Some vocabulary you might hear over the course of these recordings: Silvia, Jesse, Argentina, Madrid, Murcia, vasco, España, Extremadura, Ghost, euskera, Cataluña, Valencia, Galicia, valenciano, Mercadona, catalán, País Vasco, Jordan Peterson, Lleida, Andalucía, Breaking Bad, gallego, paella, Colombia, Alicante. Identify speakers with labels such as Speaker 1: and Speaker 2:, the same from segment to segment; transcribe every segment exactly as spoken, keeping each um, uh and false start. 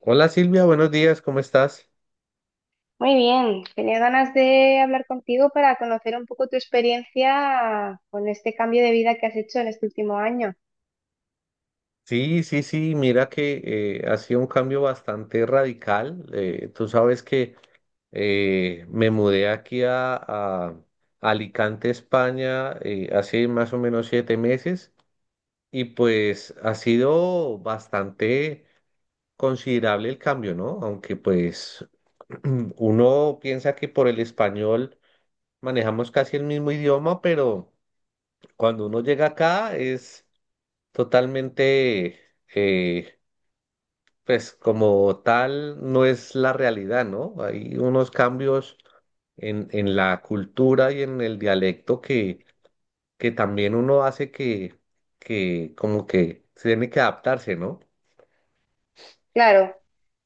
Speaker 1: Hola Silvia, buenos días, ¿cómo estás?
Speaker 2: Muy bien, tenía ganas de hablar contigo para conocer un poco tu experiencia con este cambio de vida que has hecho en este último año.
Speaker 1: Sí, sí, sí, mira que eh, ha sido un cambio bastante radical. Eh, tú sabes que eh, me mudé aquí a, a Alicante, España, eh, hace más o menos siete meses y pues ha sido bastante considerable el cambio, ¿no? Aunque pues uno piensa que por el español manejamos casi el mismo idioma, pero cuando uno llega acá es... totalmente, eh, pues como tal, no es la realidad, ¿no? Hay unos cambios en, en la cultura y en el dialecto que, que también uno hace que, que como que se tiene que adaptarse, ¿no?
Speaker 2: Claro,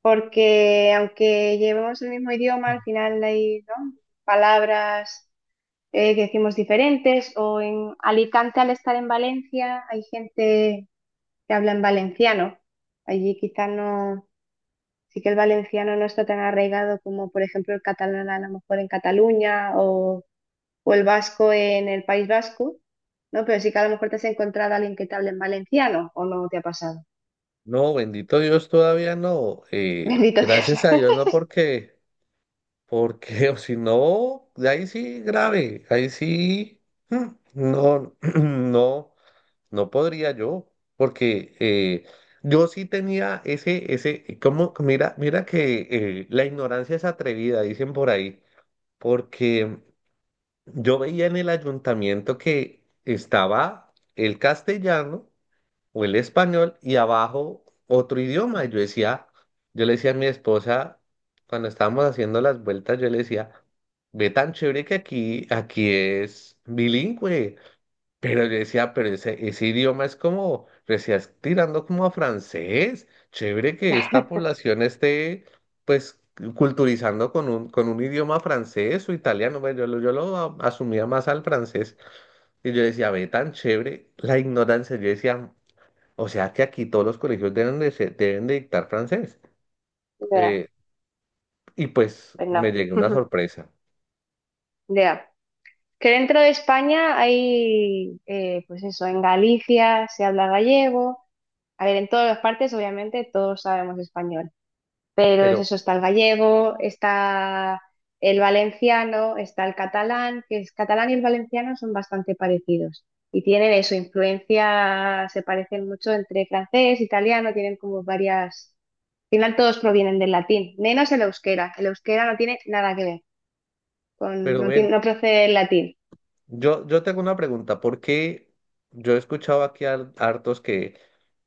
Speaker 2: porque aunque llevemos el mismo idioma, al final hay, ¿no?, palabras eh, que decimos diferentes, o en Alicante al estar en Valencia hay gente que habla en valenciano. Allí quizá no, sí que el valenciano no está tan arraigado como por ejemplo el catalán a lo mejor en Cataluña o o el vasco en el País Vasco, ¿no? Pero sí que a lo mejor te has encontrado a alguien que te hable en valenciano o no te ha pasado.
Speaker 1: No, bendito Dios, todavía no. Eh,
Speaker 2: Bendito Dios.
Speaker 1: gracias a Dios, no porque, porque, o si no, de ahí sí grave, ahí sí, mm, no, no. No podría yo, porque eh, yo sí tenía ese, ese, como, mira, mira que eh, la ignorancia es atrevida, dicen por ahí, porque yo veía en el ayuntamiento que estaba el castellano o el español y abajo otro idioma. Y yo decía, yo le decía a mi esposa, cuando estábamos haciendo las vueltas, yo le decía, ve tan chévere que aquí, aquí es bilingüe. Pero yo decía, pero ese, ese idioma es como, recién tirando como a francés. Chévere que esta población esté, pues, culturizando con un, con un idioma francés o italiano. Bueno, yo, lo- yo lo a- asumía más al francés. Y yo decía, ve, tan chévere la ignorancia. Yo decía, o sea que aquí todos los colegios deben de, ser- deben de dictar francés.
Speaker 2: Ya,
Speaker 1: Eh, y pues
Speaker 2: pues no.
Speaker 1: me llegué una sorpresa.
Speaker 2: Ya. Que dentro de España hay, eh, pues eso, en Galicia se habla gallego. A ver, en todas las partes, obviamente, todos sabemos español. Pero es
Speaker 1: Pero,
Speaker 2: eso, está el gallego, está el valenciano, está el catalán, que el catalán y el valenciano son bastante parecidos. Y tienen eso, influencia, se parecen mucho entre francés, italiano, tienen como varias... Al final todos provienen del latín, menos el euskera. El euskera no tiene nada que ver, con,
Speaker 1: pero
Speaker 2: no, tiene,
Speaker 1: ven,
Speaker 2: no procede del latín.
Speaker 1: yo, yo tengo una pregunta. ¿Por qué yo he escuchado aquí a hartos que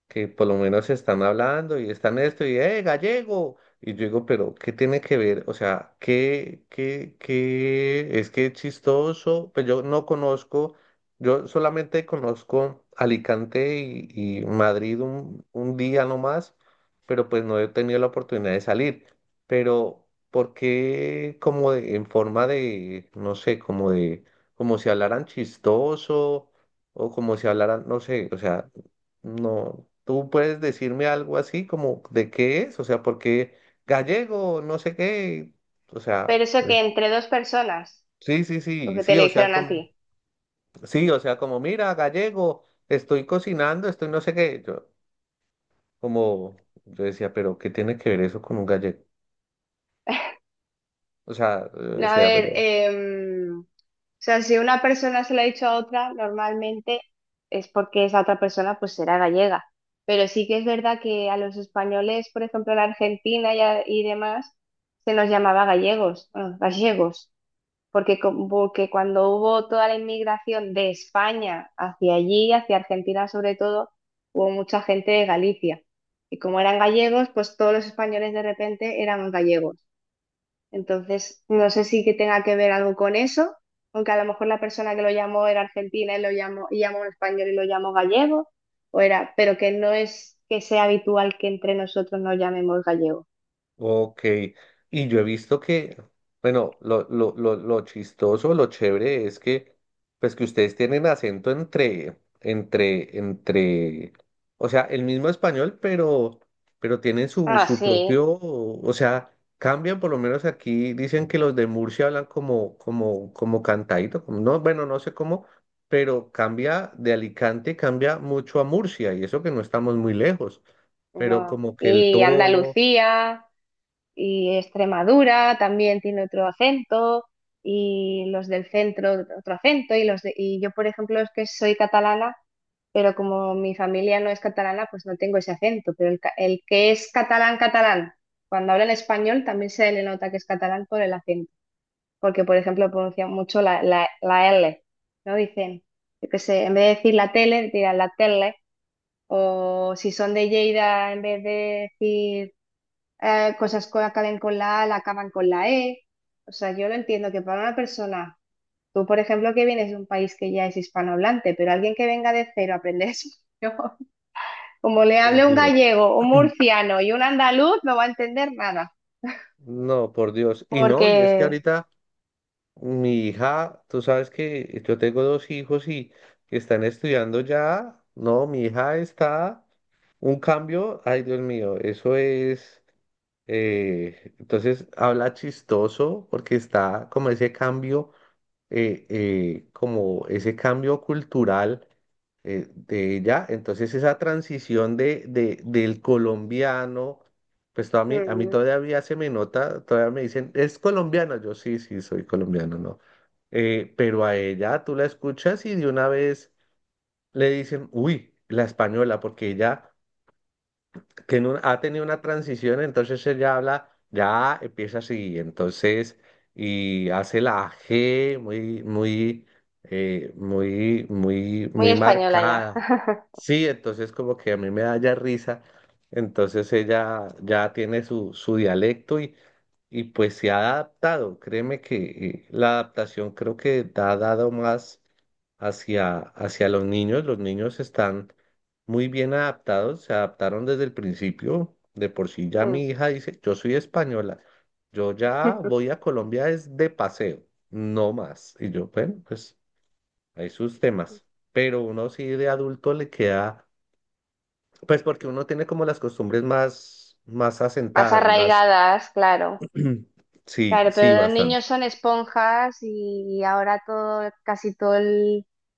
Speaker 1: que por lo menos están hablando y están esto y, ¡eh, gallego! Y yo digo, pero ¿qué tiene que ver? O sea, ¿qué, qué, qué? Es que es chistoso, pues yo no conozco, yo solamente conozco Alicante y, y Madrid un, un día nomás, pero pues no he tenido la oportunidad de salir. Pero, ¿por qué como de- en forma de, no sé, como de, como si hablaran chistoso o como si hablaran, no sé, o sea... No, tú puedes decirme algo así como de qué es, o sea, porque gallego, no sé qué, o sea,
Speaker 2: Pero eso
Speaker 1: eh,
Speaker 2: que entre dos personas,
Speaker 1: sí, sí,
Speaker 2: lo
Speaker 1: sí,
Speaker 2: que te
Speaker 1: sí,
Speaker 2: le
Speaker 1: o sea,
Speaker 2: dijeron a
Speaker 1: como,
Speaker 2: ti.
Speaker 1: sí, o sea, como, mira, gallego, estoy cocinando, estoy no sé qué, yo, como, yo decía, pero ¿qué tiene que ver eso con un gallego? O sea, eh, o
Speaker 2: A
Speaker 1: sea, pero
Speaker 2: ver, em, o sea, si una persona se lo ha dicho a otra, normalmente es porque esa otra persona pues será gallega. Pero sí que es verdad que a los españoles, por ejemplo, en Argentina y, a- y demás, se nos llamaba gallegos, bueno, gallegos, porque, co- porque cuando hubo toda la inmigración de España hacia allí, hacia Argentina sobre todo, hubo mucha gente de Galicia. Y como eran gallegos, pues todos los españoles de repente éramos gallegos. Entonces, no sé si que tenga que ver algo con eso, aunque a lo mejor la persona que lo llamó era argentina y lo llamó, y llamó a un español y lo llamó gallego, o era, pero que no es que sea habitual que entre nosotros nos llamemos gallego.
Speaker 1: ok, y yo he visto que, bueno, lo, lo, lo, lo chistoso, lo chévere es que, pues que ustedes tienen acento entre, entre, entre, o sea, el mismo español, pero, pero tienen su,
Speaker 2: Ah,
Speaker 1: su
Speaker 2: sí,
Speaker 1: propio, o sea, cambian, por lo menos aquí dicen que los de Murcia hablan como, como, como cantadito, como- no, bueno, no sé cómo, pero cambia de Alicante, cambia mucho a Murcia, y eso que no estamos muy lejos, pero
Speaker 2: no.
Speaker 1: como que el
Speaker 2: Y
Speaker 1: tono,
Speaker 2: Andalucía. Y Extremadura también tiene otro acento y los del centro otro acento y los de- y yo por ejemplo es que soy catalana, pero como mi familia no es catalana pues no tengo ese acento, pero el, ca- el que es catalán catalán cuando habla en español también se le nota que es catalán por el acento, porque por ejemplo pronuncian mucho la, la, la L, no dicen yo qué sé, en vez de decir la tele dirán la tele, o si son de Lleida en vez de decir eh, cosas que acaben con la A, la acaban con la E. O sea, yo lo entiendo que para una persona, tú por ejemplo que vienes de un país que ya es hispanohablante, pero alguien que venga de cero a aprender español, como le
Speaker 1: por
Speaker 2: hable un
Speaker 1: Dios.
Speaker 2: gallego, un murciano y un andaluz, no va a entender nada,
Speaker 1: No, por Dios. Y no, y es que
Speaker 2: porque
Speaker 1: ahorita mi hija, tú sabes que yo tengo dos hijos y que están estudiando ya. No, mi hija está un cambio. Ay, Dios mío, eso es. Eh, entonces habla chistoso porque está como ese cambio, eh, eh, como ese cambio cultural eh, de ella. Entonces esa transición de, de, del colombiano, pues to- a mí, a mí
Speaker 2: mm,
Speaker 1: todavía se me nota, todavía me dicen, ¿es colombiano? Yo sí, sí, soy colombiano, ¿no? Eh, pero a ella tú la escuchas y de una vez le dicen, uy, la española, porque ella que en un- ha tenido una transición, entonces ella habla, ya empieza así, entonces, y hace la G muy, muy, eh, muy, muy,
Speaker 2: muy
Speaker 1: muy
Speaker 2: española ya.
Speaker 1: marcada. Sí, entonces como que a mí me da ya risa, entonces ella ya tiene su, su dialecto y, y pues se ha adaptado, créeme que eh, la adaptación creo que te ha dado más hacia, hacia los niños. Los niños están muy bien adaptados, se adaptaron desde el principio. De por sí ya
Speaker 2: Mm.
Speaker 1: mi hija dice, yo soy española, yo ya voy a Colombia es de paseo, no más. Y yo, bueno, pues hay sus temas. Pero uno sí de adulto le queda, pues porque uno tiene como las costumbres más, más
Speaker 2: Más
Speaker 1: asentadas, más,
Speaker 2: arraigadas, claro.
Speaker 1: sí,
Speaker 2: Claro,
Speaker 1: sí,
Speaker 2: pero los
Speaker 1: bastante.
Speaker 2: niños son esponjas y ahora todo, casi todos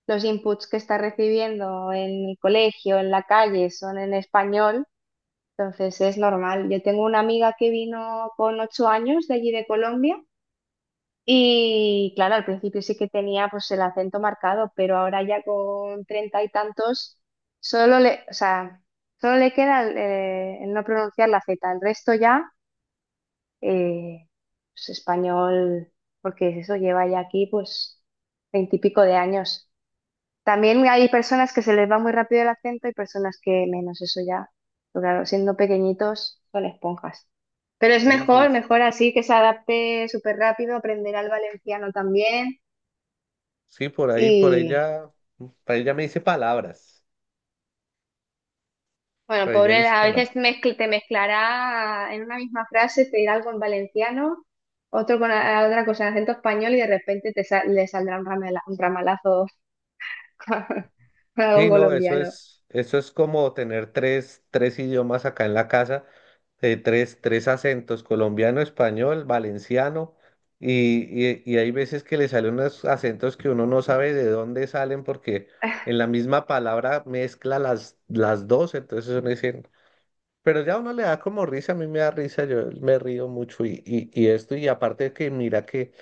Speaker 2: los inputs que está recibiendo en el colegio, en la calle, son en español, entonces es normal. Yo tengo una amiga que vino con ocho años de allí de Colombia y claro, al principio sí que tenía pues el acento marcado, pero ahora ya con treinta y tantos solo le, o sea, solo le queda el, eh, el no pronunciar la Z, el resto ya eh, pues, español, porque eso lleva ya aquí pues veintipico de años. También hay personas que se les va muy rápido el acento y personas que menos, eso ya. Pero claro, siendo pequeñitos son esponjas. Pero es
Speaker 1: Sí, sí,
Speaker 2: mejor, mejor así que se adapte súper rápido, aprenderá el valenciano también.
Speaker 1: sí, por ahí, por
Speaker 2: Y
Speaker 1: ella, por ella me dice palabras,
Speaker 2: bueno,
Speaker 1: por ella
Speaker 2: pobre,
Speaker 1: dice
Speaker 2: a veces
Speaker 1: palabras.
Speaker 2: mezcl- te mezclará en una misma frase, te dirá algo en valenciano, otro con a- otra cosa en acento español y de repente te sa- le saldrá un ramala- un ramalazo.
Speaker 1: Sí,
Speaker 2: Algo
Speaker 1: no, eso
Speaker 2: colombiano.
Speaker 1: es, eso es como tener tres, tres idiomas acá en la casa, eh, tres, tres acentos, colombiano, español, valenciano, y, y- y hay veces que le salen unos acentos que uno no sabe de dónde salen porque en la misma palabra mezcla las, las dos, entonces uno dice, pero ya a uno le da como risa, a mí me da risa, yo me río mucho y, y, y esto, y aparte de que mira que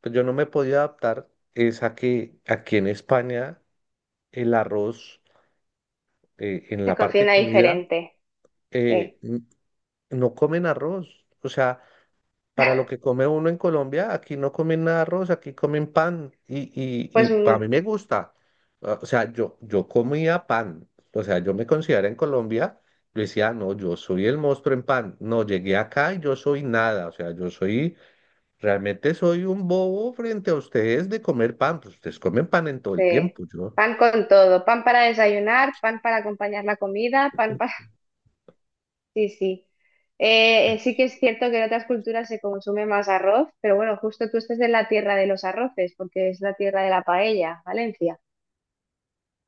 Speaker 1: pues yo no me podía adaptar, es a que aquí en España el arroz eh, en
Speaker 2: Se
Speaker 1: la parte de
Speaker 2: cocina
Speaker 1: comida,
Speaker 2: diferente. Sí.
Speaker 1: eh, n- no comen arroz. O sea, para lo que come uno en Colombia, aquí no comen nada de arroz, aquí comen pan y, y,
Speaker 2: Pues
Speaker 1: y a
Speaker 2: mm,
Speaker 1: mí me gusta. Ah, o sea, yo, yo comía pan. O sea, yo me considero en Colombia, yo decía, no, yo soy el monstruo en pan. No, llegué acá y yo soy nada. O sea, yo soy, realmente soy un bobo frente a ustedes de comer pan. Pues ustedes comen pan en todo el
Speaker 2: sí.
Speaker 1: tiempo, yo.
Speaker 2: Pan con todo. Pan para desayunar, pan para acompañar la comida, pan para... Sí, sí. Eh, eh, sí que es cierto que en otras culturas se consume más arroz, pero bueno, justo tú estás en la tierra de los arroces, porque es la tierra de la paella, Valencia.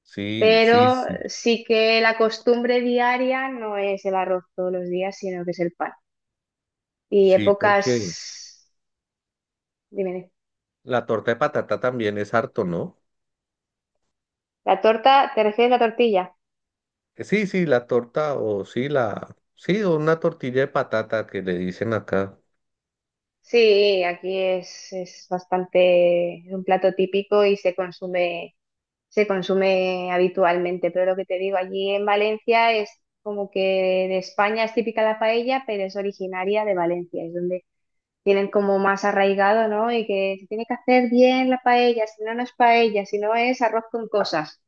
Speaker 1: Sí, sí,
Speaker 2: Pero
Speaker 1: sí,
Speaker 2: sí que la costumbre diaria no es el arroz todos los días, sino que es el pan. Y
Speaker 1: sí,
Speaker 2: épocas...
Speaker 1: porque
Speaker 2: Dime, dime.
Speaker 1: la torta de patata también es harto, ¿no?
Speaker 2: ¿La torta? ¿Te refieres a la tortilla?
Speaker 1: Sí, sí, la torta o sí, la... Sí, o una tortilla de patata que le dicen acá.
Speaker 2: Sí, aquí es, es bastante, es un plato típico y se consume, se consume habitualmente. Pero lo que te digo, allí en Valencia es como que de España es típica la paella, pero es originaria de Valencia, es donde tienen como más arraigado, ¿no? Y que se tiene que hacer bien la paella, si no, no es paella, si no es arroz con cosas.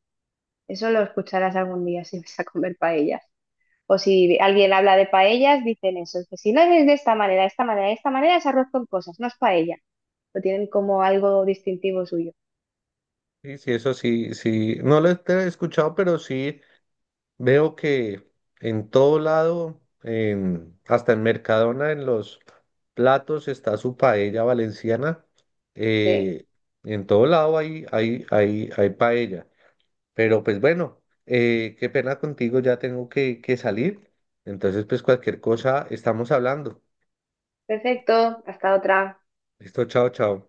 Speaker 2: Eso lo escucharás algún día si vas a comer paellas. O si alguien habla de paellas, dicen eso, que si no es de esta manera, de esta manera, de esta manera es arroz con cosas, no es paella, lo tienen como algo distintivo suyo.
Speaker 1: Sí, sí, eso sí, sí. No lo he escuchado, pero sí veo que en todo lado, en- hasta en Mercadona, en los platos está su paella valenciana.
Speaker 2: Sí,
Speaker 1: eh, en todo lado hay, hay, hay, hay paella. Pero pues bueno, eh, qué pena contigo, ya tengo que, que salir. Entonces, pues cualquier cosa estamos hablando.
Speaker 2: perfecto, hasta otra.
Speaker 1: Listo, chao, chao.